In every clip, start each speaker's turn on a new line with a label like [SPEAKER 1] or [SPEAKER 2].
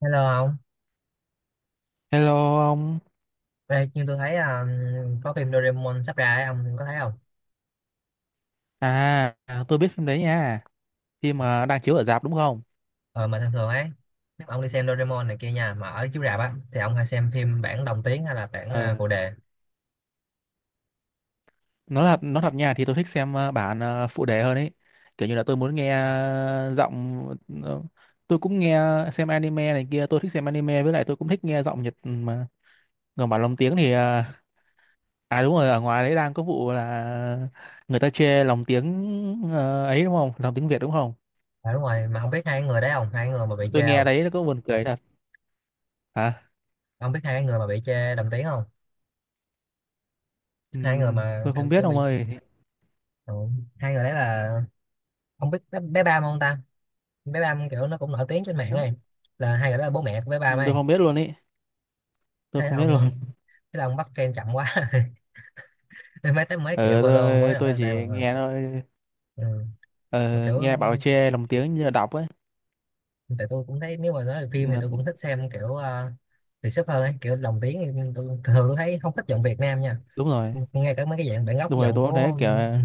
[SPEAKER 1] Hello ông.
[SPEAKER 2] Hello ông.
[SPEAKER 1] Ê, nhưng tôi thấy có phim Doraemon sắp ra ấy, ông có thấy không?
[SPEAKER 2] À, tôi biết phim đấy nha. Phim mà đang chiếu ở rạp đúng không?
[SPEAKER 1] Ờ, mà thường thường ấy, nếu mà ông đi xem Doraemon này kia nha, mà ở chiếu rạp á, thì ông hay xem phim bản đồng tiếng hay là bản
[SPEAKER 2] Ờ,
[SPEAKER 1] phụ đề?
[SPEAKER 2] nó thật nha thì tôi thích xem bản phụ đề hơn ấy. Kiểu như là tôi muốn nghe giọng ờ, tôi cũng nghe xem anime này kia, tôi thích xem anime với lại tôi cũng thích nghe giọng Nhật mà. Còn bản lồng tiếng thì à, đúng rồi, ở ngoài đấy đang có vụ là người ta chê lồng tiếng ấy đúng không? Lồng tiếng Việt đúng không?
[SPEAKER 1] À, đúng rồi, mà không biết hai cái người đấy không? Hai người mà bị
[SPEAKER 2] Tôi
[SPEAKER 1] chê
[SPEAKER 2] nghe
[SPEAKER 1] không?
[SPEAKER 2] đấy nó có buồn cười thật. Hả?
[SPEAKER 1] Ông biết hai cái người mà bị chê đồng tiếng không? Hai người mà
[SPEAKER 2] Tôi không
[SPEAKER 1] kiểu
[SPEAKER 2] biết
[SPEAKER 1] kiểu
[SPEAKER 2] ông
[SPEAKER 1] bị...
[SPEAKER 2] ơi.
[SPEAKER 1] Ừ. Hai người đấy là... Ông biết bé Bam không ta? Bé Bam kiểu nó cũng nổi tiếng trên mạng
[SPEAKER 2] Ừ.
[SPEAKER 1] ấy. Là hai người đó là bố mẹ của bé Bam
[SPEAKER 2] Tôi
[SPEAKER 1] ấy.
[SPEAKER 2] không biết luôn ý. Tôi
[SPEAKER 1] Thế
[SPEAKER 2] không biết
[SPEAKER 1] ông...
[SPEAKER 2] luôn.
[SPEAKER 1] Thế là ông bắt trend chậm quá. Mấy tới mấy triệu
[SPEAKER 2] Ờ
[SPEAKER 1] follow mới
[SPEAKER 2] tôi
[SPEAKER 1] nổi
[SPEAKER 2] tôi
[SPEAKER 1] lên đây
[SPEAKER 2] chỉ
[SPEAKER 1] mà.
[SPEAKER 2] nghe thôi.
[SPEAKER 1] Ừ, mà
[SPEAKER 2] Ờ,
[SPEAKER 1] kiểu
[SPEAKER 2] Nghe bảo che lồng tiếng như là đọc ấy
[SPEAKER 1] tại tôi cũng thấy nếu mà nói về phim thì
[SPEAKER 2] mà.
[SPEAKER 1] tôi cũng thích xem kiểu Việt sắp hơn ấy, kiểu lồng tiếng thì thường tôi thấy không thích giọng Việt Nam nha,
[SPEAKER 2] Đúng rồi,
[SPEAKER 1] ngay cả mấy cái dạng bản gốc
[SPEAKER 2] đúng rồi,
[SPEAKER 1] giọng
[SPEAKER 2] tôi cũng thấy
[SPEAKER 1] của,
[SPEAKER 2] kiểu
[SPEAKER 1] ừ,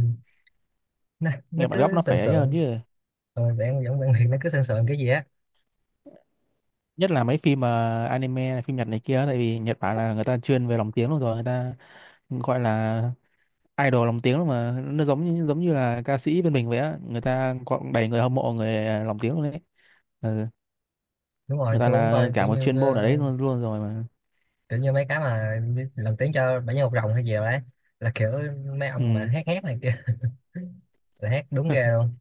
[SPEAKER 1] nó
[SPEAKER 2] nghe bản gốc
[SPEAKER 1] cứ
[SPEAKER 2] nó
[SPEAKER 1] sần
[SPEAKER 2] phải ấy hơn
[SPEAKER 1] sượng,
[SPEAKER 2] chứ.
[SPEAKER 1] ừ, bản giọng bản Việt nó cứ sần sượng cái gì á.
[SPEAKER 2] Nhất là mấy phim mà anime phim Nhật này kia, tại vì Nhật Bản là người ta chuyên về lồng tiếng luôn rồi, người ta gọi là idol lồng tiếng luôn mà, nó giống như là ca sĩ bên mình vậy á, người ta có đầy người hâm mộ người lồng tiếng luôn đấy. Ừ.
[SPEAKER 1] Đúng
[SPEAKER 2] Người
[SPEAKER 1] rồi,
[SPEAKER 2] ta
[SPEAKER 1] tôi cũng
[SPEAKER 2] là
[SPEAKER 1] coi kiểu
[SPEAKER 2] cả một chuyên
[SPEAKER 1] như
[SPEAKER 2] môn ở đấy luôn luôn rồi mà.
[SPEAKER 1] kiểu như mấy cái mà đi lồng tiếng cho bảy nhân một rồng hay gì đó đấy, là kiểu mấy ông mà
[SPEAKER 2] Ừ,
[SPEAKER 1] hát hát này kia. Là hát đúng ghê luôn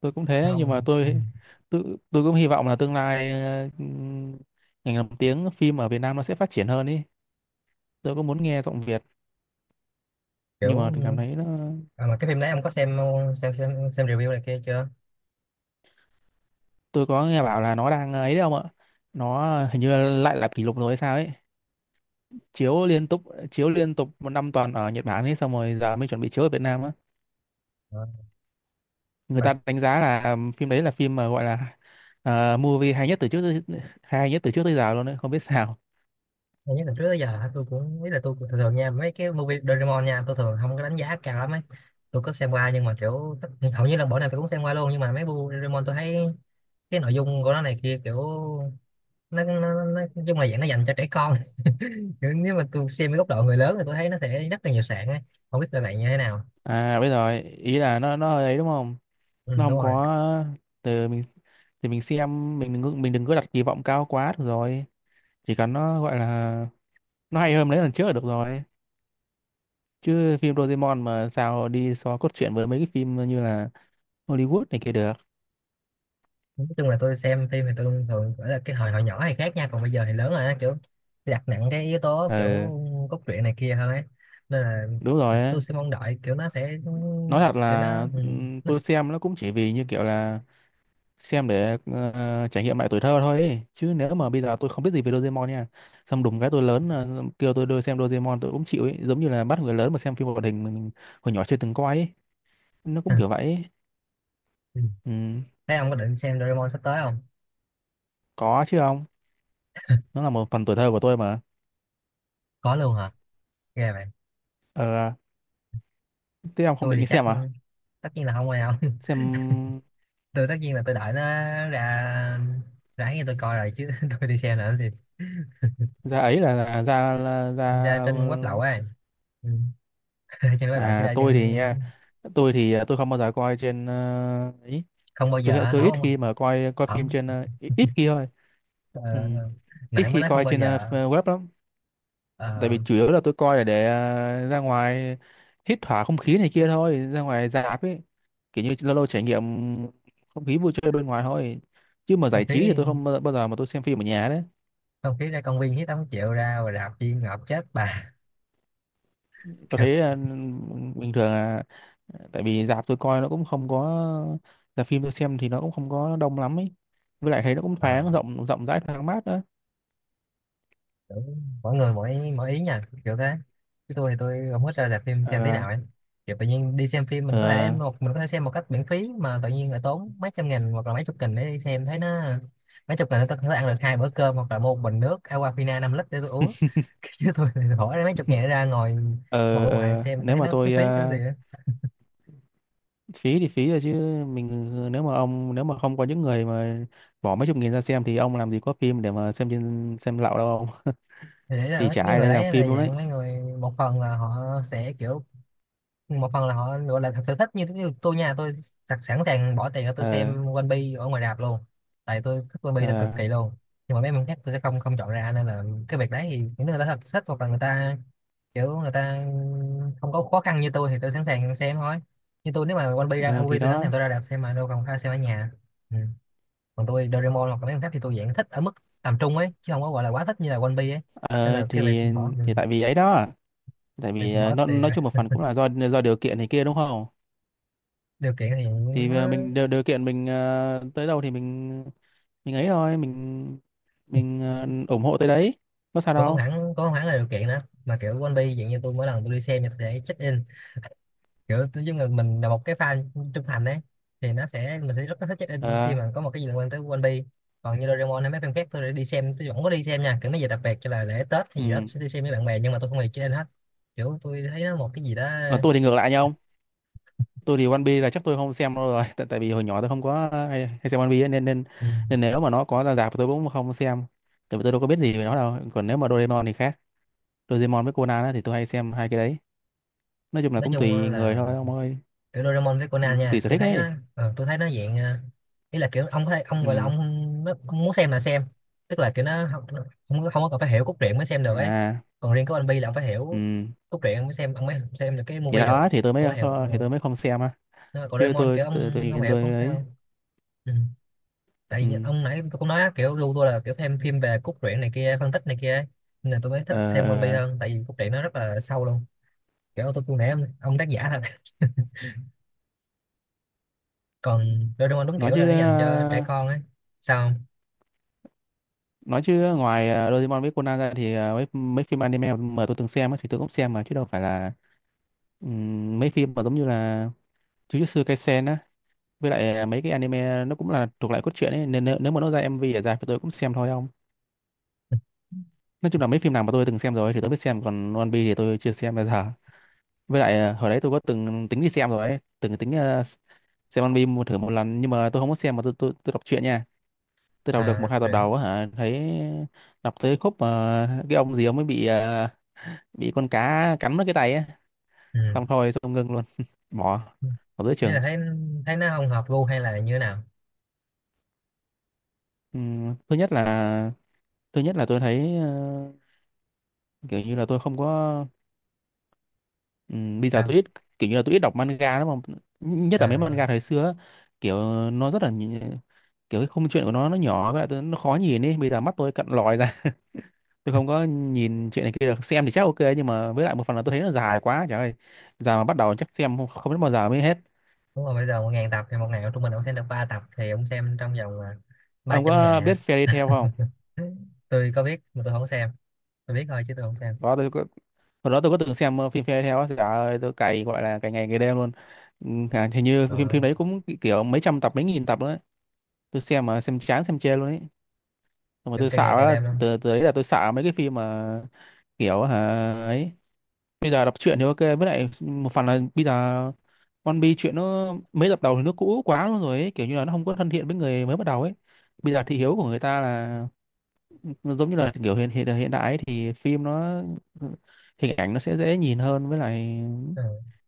[SPEAKER 2] tôi cũng
[SPEAKER 1] mà
[SPEAKER 2] thế, nhưng mà
[SPEAKER 1] ông, ừ,
[SPEAKER 2] tôi cũng hy vọng là tương lai ngành làm tiếng phim ở Việt Nam nó sẽ phát triển hơn ý. Tôi cũng muốn nghe giọng Việt, nhưng
[SPEAKER 1] kiểu
[SPEAKER 2] mà cảm thấy nó…
[SPEAKER 1] à, mà cái phim đấy ông có xem, xem review này kia chưa?
[SPEAKER 2] Tôi có nghe bảo là nó đang ấy đấy không ạ, nó hình như là lại lập kỷ lục rồi hay sao ấy, chiếu liên tục, chiếu liên tục một năm toàn ở Nhật Bản ấy, xong rồi giờ mới chuẩn bị chiếu ở Việt Nam á.
[SPEAKER 1] Ờ,
[SPEAKER 2] Người
[SPEAKER 1] mà
[SPEAKER 2] ta đánh giá là phim đấy là phim mà gọi là movie hay nhất từ trước tới giờ luôn đấy, không biết sao.
[SPEAKER 1] nhiều nhất từ trước tới giờ tôi cũng biết là tôi cũng thường thường nha, mấy cái movie Doraemon nha, tôi thường không có đánh giá cao lắm ấy. Tôi có xem qua nhưng mà kiểu hầu như là bộ nào tôi cũng xem qua luôn, nhưng mà mấy bộ Doraemon tôi thấy cái nội dung của nó này kia kiểu, nói chung là dạng nó dành cho trẻ con. Kiểu nếu mà tôi xem cái góc độ người lớn thì tôi thấy nó sẽ rất là nhiều sạn ấy, không biết là bạn như thế nào.
[SPEAKER 2] À, bây giờ ý là nó ấy đúng không,
[SPEAKER 1] Ừ,
[SPEAKER 2] nó
[SPEAKER 1] đúng
[SPEAKER 2] không
[SPEAKER 1] rồi,
[SPEAKER 2] có từ mình thì mình xem, mình đừng có đặt kỳ vọng cao quá, được rồi. Chỉ cần nó gọi là nó hay hơn mấy lần trước là được rồi, chứ phim Doraemon mà sao đi so cốt truyện với mấy cái phim như là Hollywood này kia được.
[SPEAKER 1] nói chung là tôi xem phim thì tôi thường gọi là cái hồi hồi nhỏ thì khác nha, còn bây giờ thì lớn rồi á, kiểu đặt nặng cái yếu tố kiểu
[SPEAKER 2] ờ
[SPEAKER 1] cốt truyện này kia hơn ấy, nên là
[SPEAKER 2] Đúng rồi ấy.
[SPEAKER 1] tôi sẽ mong đợi kiểu nó sẽ
[SPEAKER 2] Nói thật
[SPEAKER 1] kiểu nó,
[SPEAKER 2] là
[SPEAKER 1] ừ, nó
[SPEAKER 2] tôi
[SPEAKER 1] sẽ...
[SPEAKER 2] xem nó cũng chỉ vì như kiểu là xem để trải nghiệm lại tuổi thơ thôi ấy. Chứ nếu mà bây giờ tôi không biết gì về Doraemon nha, xong đùng cái tôi lớn kêu tôi đưa xem Doraemon tôi cũng chịu ấy, giống như là bắt người lớn mà xem phim hoạt hình mình hồi nhỏ chưa từng coi ấy, nó cũng kiểu vậy ấy.
[SPEAKER 1] Ừ,
[SPEAKER 2] Ừ.
[SPEAKER 1] thế ông có định xem Doraemon sắp tới không?
[SPEAKER 2] Có chứ ông? Nó là một phần tuổi thơ của tôi mà.
[SPEAKER 1] Có luôn hả? Ghê vậy.
[SPEAKER 2] ờ Thế ông không
[SPEAKER 1] Tôi
[SPEAKER 2] định
[SPEAKER 1] thì
[SPEAKER 2] đi
[SPEAKER 1] chắc
[SPEAKER 2] xem à?
[SPEAKER 1] tất nhiên là không ai không.
[SPEAKER 2] Xem
[SPEAKER 1] Tôi tất nhiên là tôi đợi nó ra, ráng như tôi coi rồi chứ. Tôi đi xem là làm gì?
[SPEAKER 2] ra ấy là ra ra.
[SPEAKER 1] Ra trên web lậu ấy. Ừ. Ra trên web lậu chứ
[SPEAKER 2] À,
[SPEAKER 1] ra
[SPEAKER 2] tôi
[SPEAKER 1] trên
[SPEAKER 2] thì nha, tôi thì tôi không bao giờ coi trên ấy.
[SPEAKER 1] không bao giờ hả?
[SPEAKER 2] Tôi ít
[SPEAKER 1] Không,
[SPEAKER 2] khi mà coi coi phim
[SPEAKER 1] không.
[SPEAKER 2] trên ít ít khi thôi.
[SPEAKER 1] Ờ,
[SPEAKER 2] Ừ. Ít
[SPEAKER 1] nãy mới
[SPEAKER 2] khi
[SPEAKER 1] nói không
[SPEAKER 2] coi
[SPEAKER 1] bao
[SPEAKER 2] trên
[SPEAKER 1] giờ.
[SPEAKER 2] web lắm, tại
[SPEAKER 1] Ờ,
[SPEAKER 2] vì chủ yếu là tôi coi là để ra ngoài hít thở không khí này kia thôi, ra ngoài rạp ấy, kiểu như lâu lâu trải nghiệm không khí vui chơi bên ngoài thôi, chứ mà
[SPEAKER 1] không
[SPEAKER 2] giải trí thì
[SPEAKER 1] khí,
[SPEAKER 2] tôi không bao bao giờ mà tôi xem phim ở nhà đấy.
[SPEAKER 1] không khí ra công viên hít tám triệu ra rồi đạp chi ngợp chết bà.
[SPEAKER 2] Tôi
[SPEAKER 1] Kiểu,
[SPEAKER 2] thấy bình thường là tại vì rạp tôi coi nó cũng không có, rạp phim tôi xem thì nó cũng không có đông lắm ấy, với lại thấy nó cũng
[SPEAKER 1] ờ,
[SPEAKER 2] thoáng, rộng rộng rãi, thoáng mát đó.
[SPEAKER 1] kiểu mỗi người mỗi mỗi ý nha, kiểu thế, chứ tôi thì tôi không thích ra rạp phim xem thế
[SPEAKER 2] ờ
[SPEAKER 1] nào ấy. Kiểu tự nhiên đi xem phim mình có thể
[SPEAKER 2] ờ
[SPEAKER 1] một mình có thể xem một cách miễn phí, mà tự nhiên lại tốn mấy trăm nghìn hoặc là mấy chục nghìn để đi xem, thấy nó mấy chục nghìn để tôi có thể ăn được hai bữa cơm, hoặc là mua một bình nước Aquafina 5 lít để tôi uống. Chứ tôi thì bỏ ra mấy chục nghìn để ra ngồi, ngồi bên ngoài
[SPEAKER 2] ờ.
[SPEAKER 1] xem tôi
[SPEAKER 2] Nếu
[SPEAKER 1] thấy
[SPEAKER 2] mà
[SPEAKER 1] nó phí
[SPEAKER 2] tôi
[SPEAKER 1] phí cái gì.
[SPEAKER 2] phí thì phí rồi chứ, mình, nếu mà ông, nếu mà không có những người mà bỏ mấy chục nghìn ra xem thì ông làm gì có phim để mà xem trên xem lậu đâu ông,
[SPEAKER 1] Thì đấy là
[SPEAKER 2] thì chả
[SPEAKER 1] mấy
[SPEAKER 2] ai
[SPEAKER 1] người
[SPEAKER 2] lấy làm
[SPEAKER 1] đấy là
[SPEAKER 2] phim luôn đấy.
[SPEAKER 1] dạng mấy người một phần là họ sẽ kiểu, một phần là họ gọi là thật sự thích như, như tôi nha, tôi thật sẵn sàng bỏ tiền để tôi
[SPEAKER 2] Ờ
[SPEAKER 1] xem One Piece ở ngoài rạp luôn, tại tôi thích One Piece thật
[SPEAKER 2] ờ
[SPEAKER 1] cực kỳ luôn. Nhưng mà mấy mình khác tôi sẽ không không chọn ra, nên là cái việc đấy thì những người ta thật thích hoặc là người ta kiểu người ta không có khó khăn như tôi thì tôi sẵn sàng xem thôi. Như tôi nếu mà One Piece ra
[SPEAKER 2] ờ, thì
[SPEAKER 1] MV tôi sẵn
[SPEAKER 2] đó.
[SPEAKER 1] sàng tôi ra rạp xem mà đâu cần phải xem ở nhà. Ừ, còn tôi Doraemon hoặc là mấy con khác thì tôi dạng thích ở mức tầm trung ấy, chứ không có gọi là quá thích như là One Piece ấy. Nên
[SPEAKER 2] ờ
[SPEAKER 1] là cái việc
[SPEAKER 2] thì
[SPEAKER 1] bỏ, ừ,
[SPEAKER 2] thì tại vì ấy đó, tại
[SPEAKER 1] việc
[SPEAKER 2] vì
[SPEAKER 1] bỏ
[SPEAKER 2] nó
[SPEAKER 1] tiền
[SPEAKER 2] nói chung một phần cũng là do điều kiện này kia đúng không.
[SPEAKER 1] điều kiện thì
[SPEAKER 2] Thì
[SPEAKER 1] nó
[SPEAKER 2] mình điều kiện mình tới đâu thì mình ấy thôi, mình ủng hộ tới đấy, có sao
[SPEAKER 1] cũng không
[SPEAKER 2] đâu.
[SPEAKER 1] hẳn, cũng không hẳn là điều kiện nữa, mà kiểu One Piece dạng như tôi, mỗi lần tôi đi xem thì tôi sẽ check in, kiểu tôi giống như mình là một cái fan trung thành ấy, thì nó sẽ mình sẽ rất là thích check in khi
[SPEAKER 2] ờ
[SPEAKER 1] mà có một cái gì liên quan tới One Piece. Còn như Doraemon hay mấy phim khác tôi đã đi xem tôi vẫn có đi xem nha, kiểu mấy giờ đặc biệt cho là lễ Tết hay
[SPEAKER 2] ừ.
[SPEAKER 1] gì đó tôi sẽ đi xem với bạn bè, nhưng mà tôi không hề check in hết, kiểu tôi thấy nó một cái gì đó.
[SPEAKER 2] Còn tôi thì ngược lại nhau ông. Tôi thì One Piece là chắc tôi không xem đâu rồi tại tại vì hồi nhỏ tôi không có hay xem One Piece ấy, nên nên
[SPEAKER 1] Ừ.
[SPEAKER 2] nên nếu mà nó có ra rạp tôi cũng không xem, tại vì tôi đâu có biết gì về nó đâu, còn nếu mà Doraemon thì khác. Doraemon với Conan á, thì tôi hay xem hai cái đấy. Nói chung là
[SPEAKER 1] Nói
[SPEAKER 2] cũng
[SPEAKER 1] chung
[SPEAKER 2] tùy người
[SPEAKER 1] là
[SPEAKER 2] thôi ông ơi.
[SPEAKER 1] kiểu Doraemon với
[SPEAKER 2] Ừ,
[SPEAKER 1] Conan
[SPEAKER 2] tùy
[SPEAKER 1] nha
[SPEAKER 2] sở
[SPEAKER 1] tôi
[SPEAKER 2] thích
[SPEAKER 1] thấy nó,
[SPEAKER 2] ấy.
[SPEAKER 1] ờ, tôi thấy nó dạng, ờ, ý là kiểu ông có thể ông
[SPEAKER 2] Ừ.
[SPEAKER 1] gọi là nó, ông muốn xem là xem, tức là kiểu nó không, không có cần phải hiểu cốt truyện mới xem được ấy.
[SPEAKER 2] À.
[SPEAKER 1] Còn riêng của anh Bi là ông phải hiểu
[SPEAKER 2] Ừ.
[SPEAKER 1] cốt truyện ông mới xem, ông mới xem được cái
[SPEAKER 2] Thì
[SPEAKER 1] movie được,
[SPEAKER 2] đó,
[SPEAKER 1] ông mới hiểu. Ừ.
[SPEAKER 2] thì tôi mới không xem á,
[SPEAKER 1] Nhưng mà còn
[SPEAKER 2] chứ
[SPEAKER 1] Doraemon kiểu ông không hiểu cũng
[SPEAKER 2] tôi
[SPEAKER 1] không
[SPEAKER 2] ấy.
[SPEAKER 1] sao. Ừ, tại vì
[SPEAKER 2] Ừ.
[SPEAKER 1] ông nãy tôi cũng nói á, kiểu gu tôi là kiểu xem phim về cốt truyện này kia, phân tích này kia ấy. Nên là tôi mới thích
[SPEAKER 2] ờ,
[SPEAKER 1] xem One Piece
[SPEAKER 2] ờ,
[SPEAKER 1] hơn, tại vì cốt truyện nó rất là sâu luôn, kiểu tôi cũng nãy ông tác giả thật. Còn Doraemon đúng
[SPEAKER 2] nói
[SPEAKER 1] kiểu là
[SPEAKER 2] chứ
[SPEAKER 1] nó dành cho trẻ
[SPEAKER 2] ờ,
[SPEAKER 1] con ấy. Sao không?
[SPEAKER 2] nói chứ ngoài Doraemon với Conan ra thì mấy mấy phim anime mà tôi từng xem á thì tôi cũng xem mà, chứ đâu phải là… Ừ, mấy phim mà giống như là Jujutsu Kaisen á, với lại mấy cái anime nó cũng là thuộc lại cốt truyện ấy, nên nếu mà nó ra MV ở dài thì tôi cũng xem thôi không. Nói chung là mấy phim nào mà tôi từng xem rồi thì tôi biết xem, còn One Piece thì tôi chưa xem bao giờ. Với lại hồi đấy tôi có từng tính đi xem rồi ấy, từng tính xem anime một thử một lần, nhưng mà tôi không có xem mà tôi đọc truyện nha. Tôi đọc được
[SPEAKER 1] À
[SPEAKER 2] một
[SPEAKER 1] đọc
[SPEAKER 2] hai tập
[SPEAKER 1] truyện,
[SPEAKER 2] đầu á hả, thấy, đọc tới khúc mà cái ông gì ông mới bị bị con cá cắn mất cái tay á,
[SPEAKER 1] ừ,
[SPEAKER 2] xong thôi xong ngưng luôn bỏ bỏ giữa
[SPEAKER 1] thế là
[SPEAKER 2] chừng.
[SPEAKER 1] thấy, thấy nó không hợp gu hay là như thế nào?
[SPEAKER 2] Ừm, thứ nhất là Thứ nhất là tôi thấy kiểu như là tôi không có, bây giờ tôi
[SPEAKER 1] Sao
[SPEAKER 2] ít, kiểu như là tôi ít đọc manga lắm, mà nhất là mấy
[SPEAKER 1] à,
[SPEAKER 2] manga thời xưa á, kiểu nó rất là kiểu cái khung chuyện của nó nhỏ, với lại nó khó nhìn ấy, bây giờ mắt tôi cận lòi ra, tôi không có nhìn chuyện này kia được, xem thì chắc ok, nhưng mà với lại một phần là tôi thấy nó dài quá trời ơi. Giờ mà bắt đầu chắc xem không, không biết bao giờ mới hết.
[SPEAKER 1] đúng rồi, bây giờ một ngàn tập thì một ngày trung bình ông xem được ba tập thì ông xem trong vòng à, ba
[SPEAKER 2] Ông
[SPEAKER 1] trăm
[SPEAKER 2] có
[SPEAKER 1] ngày à.
[SPEAKER 2] biết Fairy Tail không?
[SPEAKER 1] Tôi có biết mà tôi không xem, tôi biết thôi chứ tôi không xem.
[SPEAKER 2] Đó tôi có, hồi đó tôi có từng xem phim Fairy Tail á, trời ơi tôi cày, gọi là cày ngày ngày đêm luôn. Ừ, à, hình như
[SPEAKER 1] Ờ,
[SPEAKER 2] phim phim đấy cũng kiểu mấy trăm tập, mấy nghìn tập luôn. Tôi xem mà xem chán xem chê luôn ấy. Nhưng mà
[SPEAKER 1] kiểu
[SPEAKER 2] tôi
[SPEAKER 1] càng
[SPEAKER 2] sợ
[SPEAKER 1] ngày càng
[SPEAKER 2] quá,
[SPEAKER 1] đêm luôn.
[SPEAKER 2] từ từ đấy là tôi sợ mấy cái phim mà kiểu hả ấy. Bây giờ đọc truyện thì ok, với lại một phần là bây giờ One Piece chuyện nó mấy tập đầu thì nó cũ quá luôn rồi ấy. Kiểu như là nó không có thân thiện với người mới bắt đầu ấy. Bây giờ thị hiếu của người ta là nó giống như là kiểu hiện hiện hiện đại ấy, thì phim nó hình ảnh nó sẽ dễ nhìn hơn, với lại
[SPEAKER 1] Ừ.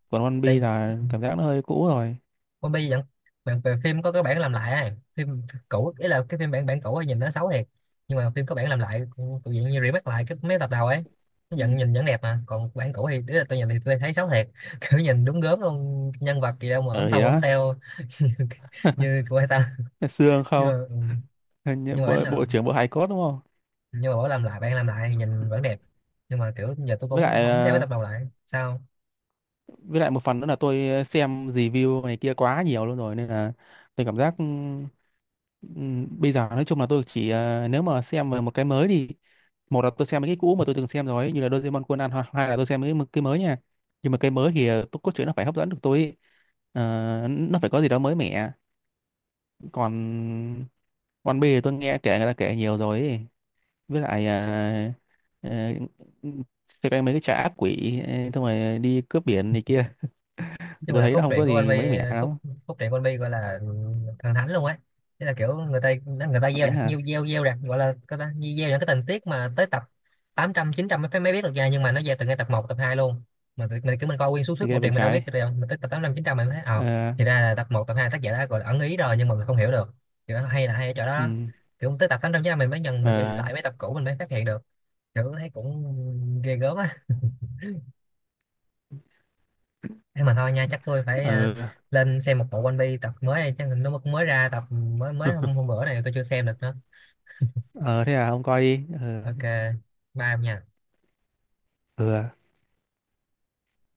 [SPEAKER 2] còn One Piece
[SPEAKER 1] Tại
[SPEAKER 2] là cảm giác nó hơi cũ rồi.
[SPEAKER 1] One Piece vẫn, bạn về phim có cái bản làm lại ấy. Phim cũ ý là cái phim bản bản cũ ấy nhìn nó xấu thiệt, nhưng mà phim có bản làm lại, tự nhiên như remake lại cái mấy tập đầu ấy, nó
[SPEAKER 2] Ừ.
[SPEAKER 1] vẫn nhìn vẫn đẹp. Mà còn bản cũ thì ý là tôi nhìn thì tôi thấy xấu thiệt. Kiểu nhìn đúng gớm luôn, nhân vật gì đâu mà ốm
[SPEAKER 2] ờ thì
[SPEAKER 1] tông ốm
[SPEAKER 2] đó,
[SPEAKER 1] teo. Như, như của người ta,
[SPEAKER 2] xương
[SPEAKER 1] nhưng mà
[SPEAKER 2] không.
[SPEAKER 1] ừ, nhưng mà bản là,
[SPEAKER 2] Bộ trưởng bộ hài cốt đúng không.
[SPEAKER 1] nhưng mà bảo làm lại bản làm lại thì nhìn vẫn đẹp, nhưng mà kiểu giờ tôi
[SPEAKER 2] với lại
[SPEAKER 1] cũng không xem mấy
[SPEAKER 2] ờ,
[SPEAKER 1] tập đầu lại sao.
[SPEAKER 2] với lại một phần nữa là tôi xem review này kia quá nhiều luôn rồi, nên là tôi cảm giác bây giờ nói chung là tôi chỉ nếu mà xem về một cái mới thì, một là tôi xem mấy cái cũ mà tôi từng xem rồi ấy, như là Doraemon, Conan, hoặc hai là tôi xem mấy cái mới nha. Nhưng mà cái mới thì tôi cốt truyện nó phải hấp dẫn được tôi ấy. Ờ, nó phải có gì đó mới mẻ. Còn One Piece thì tôi nghe kể, người ta kể nhiều rồi ấy, với lại ờ, xem cái mấy cái trà ác quỷ xong rồi đi cướp biển này kia thì
[SPEAKER 1] Chung
[SPEAKER 2] tôi
[SPEAKER 1] là
[SPEAKER 2] thấy nó
[SPEAKER 1] cốt
[SPEAKER 2] không
[SPEAKER 1] truyện
[SPEAKER 2] có
[SPEAKER 1] của anh
[SPEAKER 2] gì mới
[SPEAKER 1] Vy,
[SPEAKER 2] mẻ
[SPEAKER 1] cốt,
[SPEAKER 2] lắm.
[SPEAKER 1] cốt truyện của anh Vy gọi là thần thánh luôn ấy. Thế là kiểu người ta gieo
[SPEAKER 2] Đánh
[SPEAKER 1] đặt
[SPEAKER 2] hả?
[SPEAKER 1] nhiêu gieo, gieo đặt gọi là cái ta gieo những cái tình tiết mà tới tập tám trăm chín trăm mới mới biết được ra, nhưng mà nó gieo từ ngay tập một tập 2 luôn. Mà mình cứ mình coi nguyên suốt suốt bộ
[SPEAKER 2] Ghê vậy.
[SPEAKER 1] truyện mình đâu biết được
[SPEAKER 2] Trái.
[SPEAKER 1] đâu, mình tới tập tám trăm chín trăm mình thấy ờ
[SPEAKER 2] ờ
[SPEAKER 1] thì ra là tập một tập 2 tác giả đã gọi là ẩn ý rồi nhưng mà mình không hiểu được, kiểu nó hay là hay ở chỗ đó
[SPEAKER 2] ừ.
[SPEAKER 1] đó. Kiểu tới tập 800 900 mình mới nhận, mình nhìn
[SPEAKER 2] ờ
[SPEAKER 1] lại mấy tập cũ mình mới phát hiện được, kiểu thấy cũng ghê gớm á. Thế mà thôi nha, chắc tôi phải ờ,
[SPEAKER 2] ờ
[SPEAKER 1] lên xem một bộ One Piece tập mới này, chắc nó mới mới ra tập mới mới hôm bữa này tôi chưa xem được nữa.
[SPEAKER 2] ờ Thế à, ông coi đi
[SPEAKER 1] Ok, bye em nha.
[SPEAKER 2] ừ. À.